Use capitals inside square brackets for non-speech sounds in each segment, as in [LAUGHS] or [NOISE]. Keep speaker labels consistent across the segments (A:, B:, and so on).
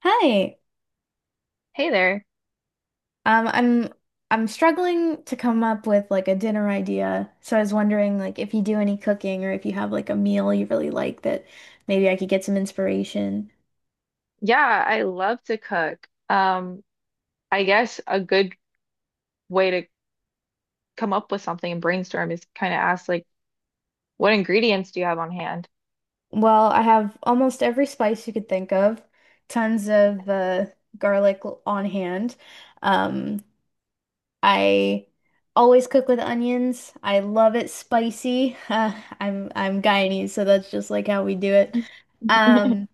A: Hi.
B: Hey there.
A: Um, I'm I'm struggling to come up with like a dinner idea. So I was wondering like if you do any cooking or if you have like a meal you really like that maybe I could get some inspiration.
B: Yeah, I love to cook. I guess a good way to come up with something and brainstorm is kind of ask like, what ingredients do you have on hand?
A: Well, I have almost every spice you could think of, tons of garlic on hand. Um, I always cook with onions. I love it spicy. [LAUGHS] I'm Guyanese, so that's just like how we do it. Um,
B: [LAUGHS]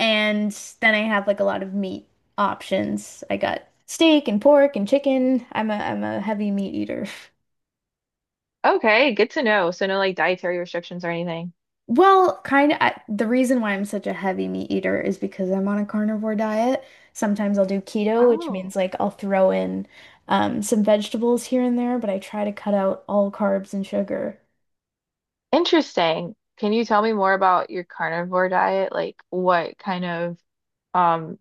A: And then I have like a lot of meat options. I got steak and pork and chicken. I'm a heavy meat eater. [LAUGHS]
B: Okay, good to know. So no like dietary restrictions or anything.
A: Well, kind of, I, the reason why I'm such a heavy meat eater is because I'm on a carnivore diet. Sometimes I'll do keto, which means
B: Oh,
A: like I'll throw in some vegetables here and there, but I try to cut out all carbs and sugar.
B: interesting. Can you tell me more about your carnivore diet? Like what kind of um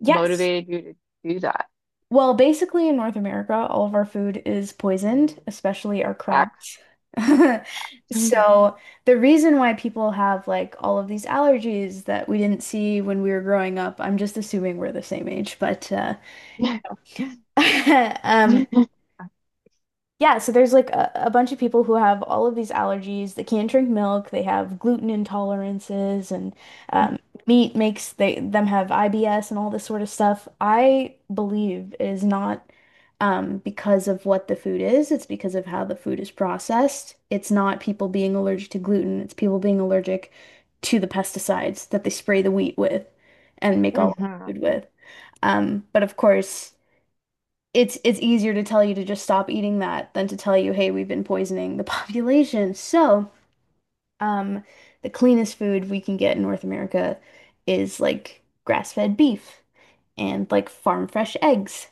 A: Yes.
B: motivated you to do that?
A: Well, basically in North America, all of our food is poisoned, especially our
B: Facts.
A: crops. [LAUGHS]
B: [LAUGHS] Hmm.
A: So the reason why people have like all of these allergies that we didn't see when we were growing up, I'm just assuming we're the same age, but [LAUGHS] um,
B: Hmm.
A: yeah, so there's like a bunch of people who have all of these allergies. They can't drink milk. They have gluten intolerances, and um, meat makes they them have IBS and all this sort of stuff. I believe it is not, because of what the food is. It's because of how the food is processed. It's not people being allergic to gluten. It's people being allergic to the pesticides that they spray the wheat with and make all the food with. But of course it's easier to tell you to just stop eating that than to tell you, hey, we've been poisoning the [LAUGHS] population. So, um, the cleanest food we can get in North America is like grass-fed beef and like farm fresh eggs.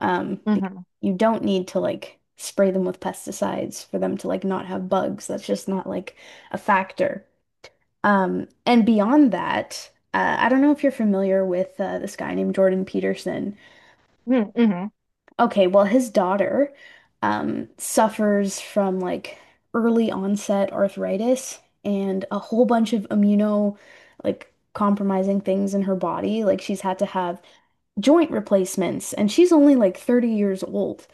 A: Um, be- you don't need to like spray them with pesticides for them to like not have bugs. That's just not like a factor. And beyond that, I don't know if you're familiar with this guy named Jordan Peterson.
B: Hmm. [LAUGHS]
A: Okay, well, his daughter, suffers from like early onset arthritis and a whole bunch of immuno like compromising things in her body. Like she's had to have joint replacements, and she's only like 30 years old.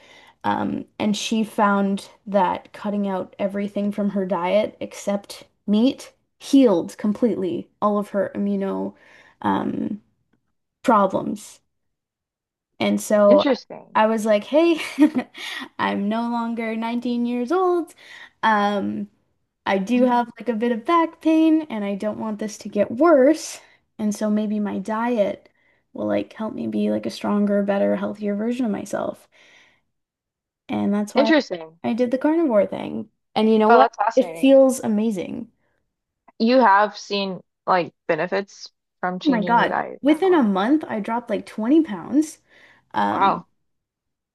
A: And she found that cutting out everything from her diet except meat healed completely all of her immuno, um, problems. And so
B: Interesting.
A: I was like, hey, [LAUGHS] I'm no longer 19 years old. Um, I do have like a bit of back pain and I don't want this to get worse. And so maybe my diet will like help me be like a stronger, better, healthier version of myself. And that's why
B: Interesting.
A: I did the carnivore thing. And you know
B: Well,
A: what?
B: that's
A: It
B: fascinating.
A: feels amazing.
B: You have seen like benefits from
A: Oh my
B: changing your
A: God.
B: diet in that
A: Within
B: way.
A: a month, I dropped like 20 pounds. Um,
B: Wow.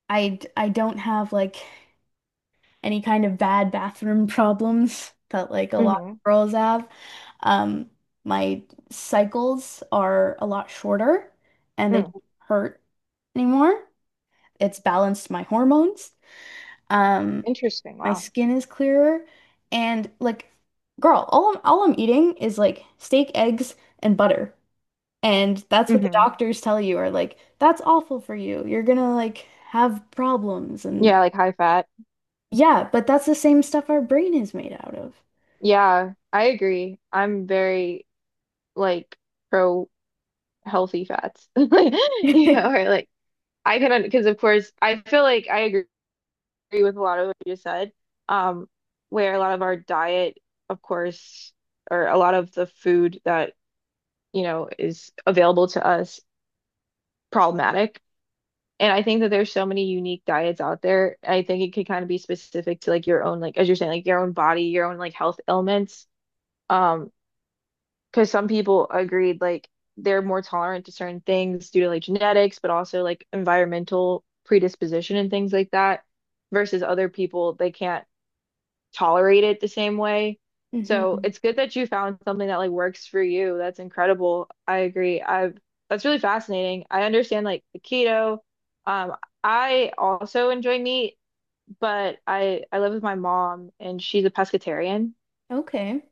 A: I don't have like any kind of bad bathroom [LAUGHS] problems that like a lot
B: Hmm.
A: of girls have. Um, my cycles are a lot shorter and they
B: Mm.
A: don't hurt anymore. It's balanced my hormones. Um,
B: Interesting.
A: my
B: Wow.
A: skin is clearer and like girl, all I'm eating is like steak, eggs, and butter. And that's what the
B: Hmm.
A: doctors tell you are like, that's awful for you. You're gonna like have problems and
B: Yeah, like high fat.
A: yeah, but that's the same stuff our brain is made out of.
B: Yeah, I agree. I'm very like pro healthy fats. [LAUGHS] Yeah,
A: [LAUGHS]
B: or like I can because of course I feel like I agree with a lot of what you just said. Um, where a lot of our diet, of course, or a lot of the food that is available to us problematic. And I think that there's so many unique diets out there. I think it could kind of be specific to like your own, like as you're saying, like your own body, your own like health ailments. Um, because some people agreed like they're more tolerant to certain things due to like genetics, but also like environmental predisposition and things like that, versus other people they can't tolerate it the same way. So
A: Hmm.
B: it's good that you found something that like works for you. That's incredible. I agree. I've That's really fascinating. I understand like the keto. Um, I also enjoy meat, but I live with my mom and she's a pescatarian.
A: Okay.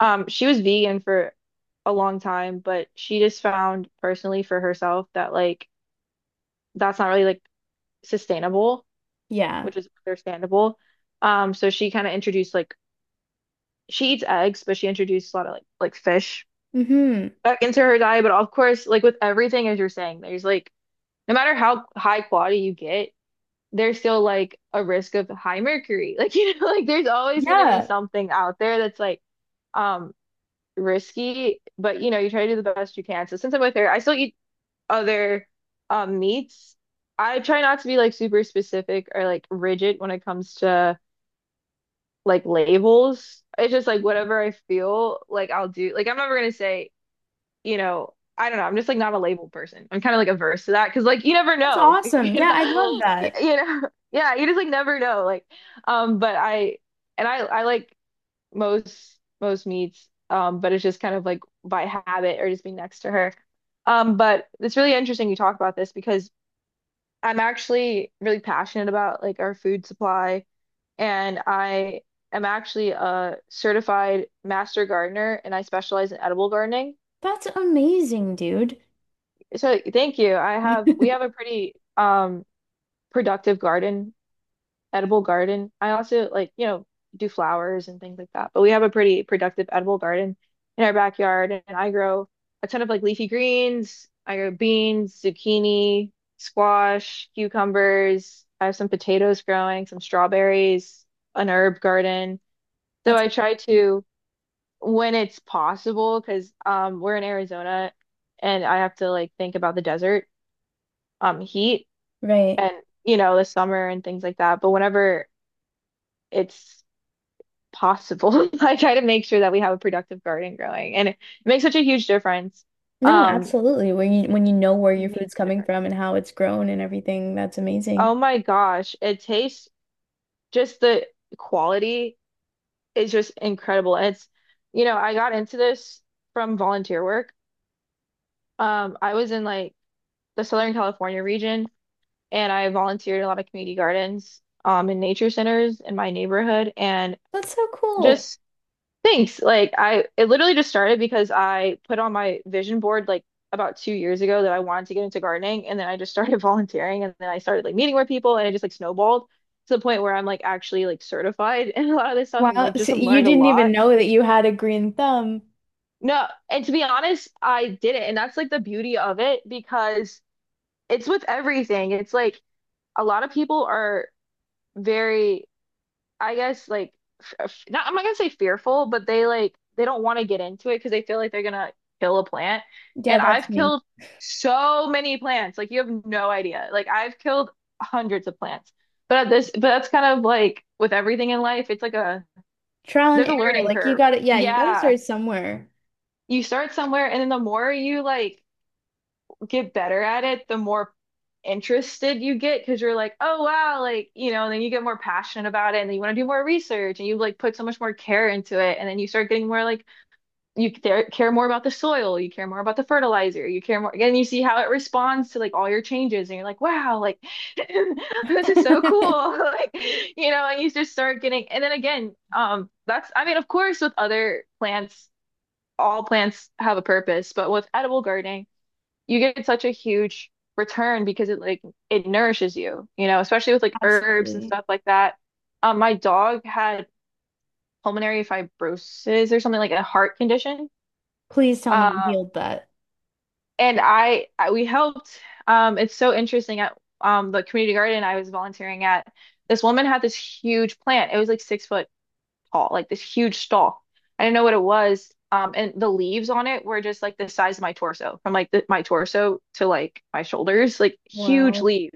B: She was vegan for a long time, but she just found personally for herself that like that's not really like sustainable,
A: Yeah.
B: which is understandable. So she kind of introduced like she eats eggs, but she introduced a lot of like fish
A: Hmm.
B: back into her diet. But of course, like with everything, as you're saying, there's like no matter how high quality you get, there's still like a risk of high mercury. [LAUGHS] Like [LAUGHS] like there's always gonna be
A: Yeah.
B: something out there that's like um risky, but you try to do the best you can. So since I'm with her, I still eat other meats. I try not to be like super specific or like rigid when it comes to like labels. It's just like whatever I feel like I'll do. Like I'm never gonna say, I don't know. I'm just like not a label person. I'm kind of like averse to that because like you never
A: That's
B: know, [LAUGHS]
A: awesome. Yeah, I love
B: [LAUGHS]
A: that.
B: you know, yeah, you just like never know. Like, but I and I like most meats, but it's just kind of like by habit or just being next to her. But it's really interesting you talk about this because I'm actually really passionate about like our food supply, and I am actually a certified master gardener, and I specialize in edible gardening.
A: That's amazing, dude.
B: So thank you. I have We have a
A: [LAUGHS]
B: pretty productive garden edible garden. I also like, do flowers and things like that. But we have a pretty productive edible garden in our backyard, and I grow a ton of like leafy greens. I grow beans, zucchini, squash, cucumbers. I have some potatoes growing, some strawberries, an herb garden. So
A: That's
B: I try to, when it's possible, because we're in Arizona and I have to like think about the desert heat
A: right.
B: and the summer and things like that. But whenever it's possible. [LAUGHS] I try to make sure that we have a productive garden growing, and it makes such a huge difference.
A: No,
B: Um,
A: absolutely. When you know where your
B: Makes
A: food's
B: a
A: coming
B: difference.
A: from and how it's grown and everything, that's amazing.
B: Oh my gosh, it tastes just the quality is just incredible. And it's, I got into this from volunteer work. I was in like the Southern California region, and I volunteered in a lot of community gardens, and nature centers in my neighborhood, and
A: That's so cool.
B: just thanks. Like I it literally just started because I put on my vision board like about 2 years ago that I wanted to get into gardening and then I just started [LAUGHS] volunteering and then I started like meeting more people and it just like snowballed to the point where I'm like actually like certified [LAUGHS] in a lot of this stuff and
A: Wow.
B: like just
A: So
B: have
A: you
B: learned a
A: didn't even
B: lot.
A: know that you had a green thumb.
B: No, and to be honest, I did it and that's like the beauty of it because it's with everything. It's like a lot of people are very I guess like f- not I'm not gonna say fearful, but they don't want to get into it because they feel like they're gonna kill a plant.
A: Yeah,
B: And
A: that's
B: I've
A: me.
B: killed so many plants, like you have no idea. Like I've killed hundreds of plants. But that's kind of like with everything in life, it's like a
A: Trial and
B: there's a
A: error.
B: learning
A: Like you
B: curve.
A: got it. Yeah, you got to
B: Yeah,
A: start somewhere.
B: you start somewhere, and then the more you like get better at it, the more interested you get because you're like, oh wow, like, and then you get more passionate about it and then you want to do more research and you like put so much more care into it. And then you start getting more like you care more about the soil, you care more about the fertilizer, you care more, and you see how it responds to like all your changes. And you're like, wow, like [LAUGHS] this is so cool. [LAUGHS] Like, and you just start getting, and then again, that's, I mean, of course, with other plants, all plants have a purpose, but with edible gardening, you get such a huge return because it like it nourishes you, especially with like herbs and
A: Absolutely.
B: stuff like that. My dog had pulmonary fibrosis or something like a heart condition.
A: Please tell me you
B: Um,
A: healed that.
B: I we helped. It's so interesting at the community garden I was volunteering at. This woman had this huge plant. It was like 6 foot tall, like this huge stalk. I didn't know what it was. And the leaves on it were just like the size of my torso, from like my torso to like my shoulders, like huge
A: Wow.
B: leaves.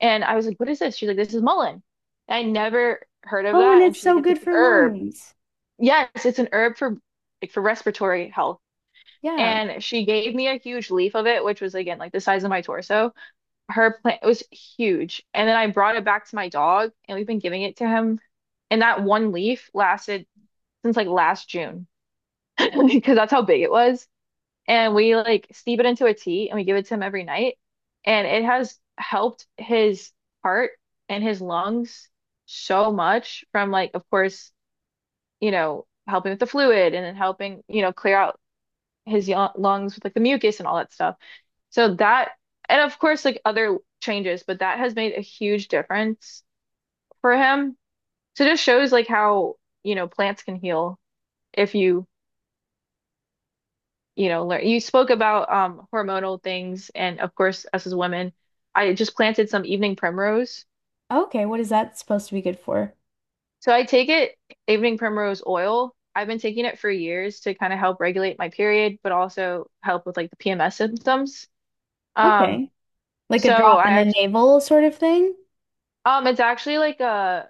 B: And I was like, what is this? She's like, this is mullein. And I never heard of
A: Oh, and
B: that. And
A: it's
B: she's like,
A: so
B: it's an
A: good for
B: herb.
A: lungs.
B: Yes, it's an herb for for respiratory health.
A: Yeah.
B: And she gave me a huge leaf of it, which was again like the size of my torso. Her plant was huge. And then I brought it back to my dog, and we've been giving it to him. And that one leaf lasted since like last June [LAUGHS] because that's how big it was. And we like steep it into a tea and we give it to him every night. And it has helped his heart and his lungs so much from like, of course, helping with the fluid and then helping, clear out his lungs with like the mucus and all that stuff. So that, and of course, like other changes, but that has made a huge difference for him. So it just shows like how, plants can heal if you learn. You spoke about hormonal things, and of course, us as women, I just planted some evening primrose.
A: Okay, what is that supposed to be good for?
B: So I take it, evening primrose oil. I've been taking it for years to kind of help regulate my period, but also help with like the PMS symptoms. Um,
A: Okay. Like a
B: so
A: drop
B: I
A: in the
B: actually,
A: navel sort of thing?
B: it's actually like a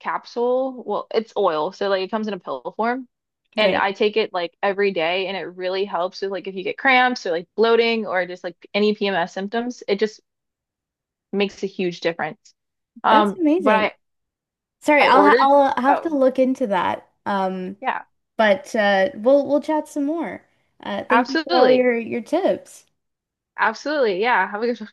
B: capsule. Well, it's oil, so like it comes in a pill form. And
A: Right.
B: I take it like every day, and it really helps with like if you get cramps or like bloating or just like any PMS symptoms. It just makes a huge difference.
A: That's
B: But
A: amazing. Sorry,
B: I ordered.
A: I'll have to
B: Oh
A: look into that.
B: yeah,
A: But we'll chat some more. Thank you for all
B: absolutely,
A: your tips.
B: absolutely. Yeah, have a good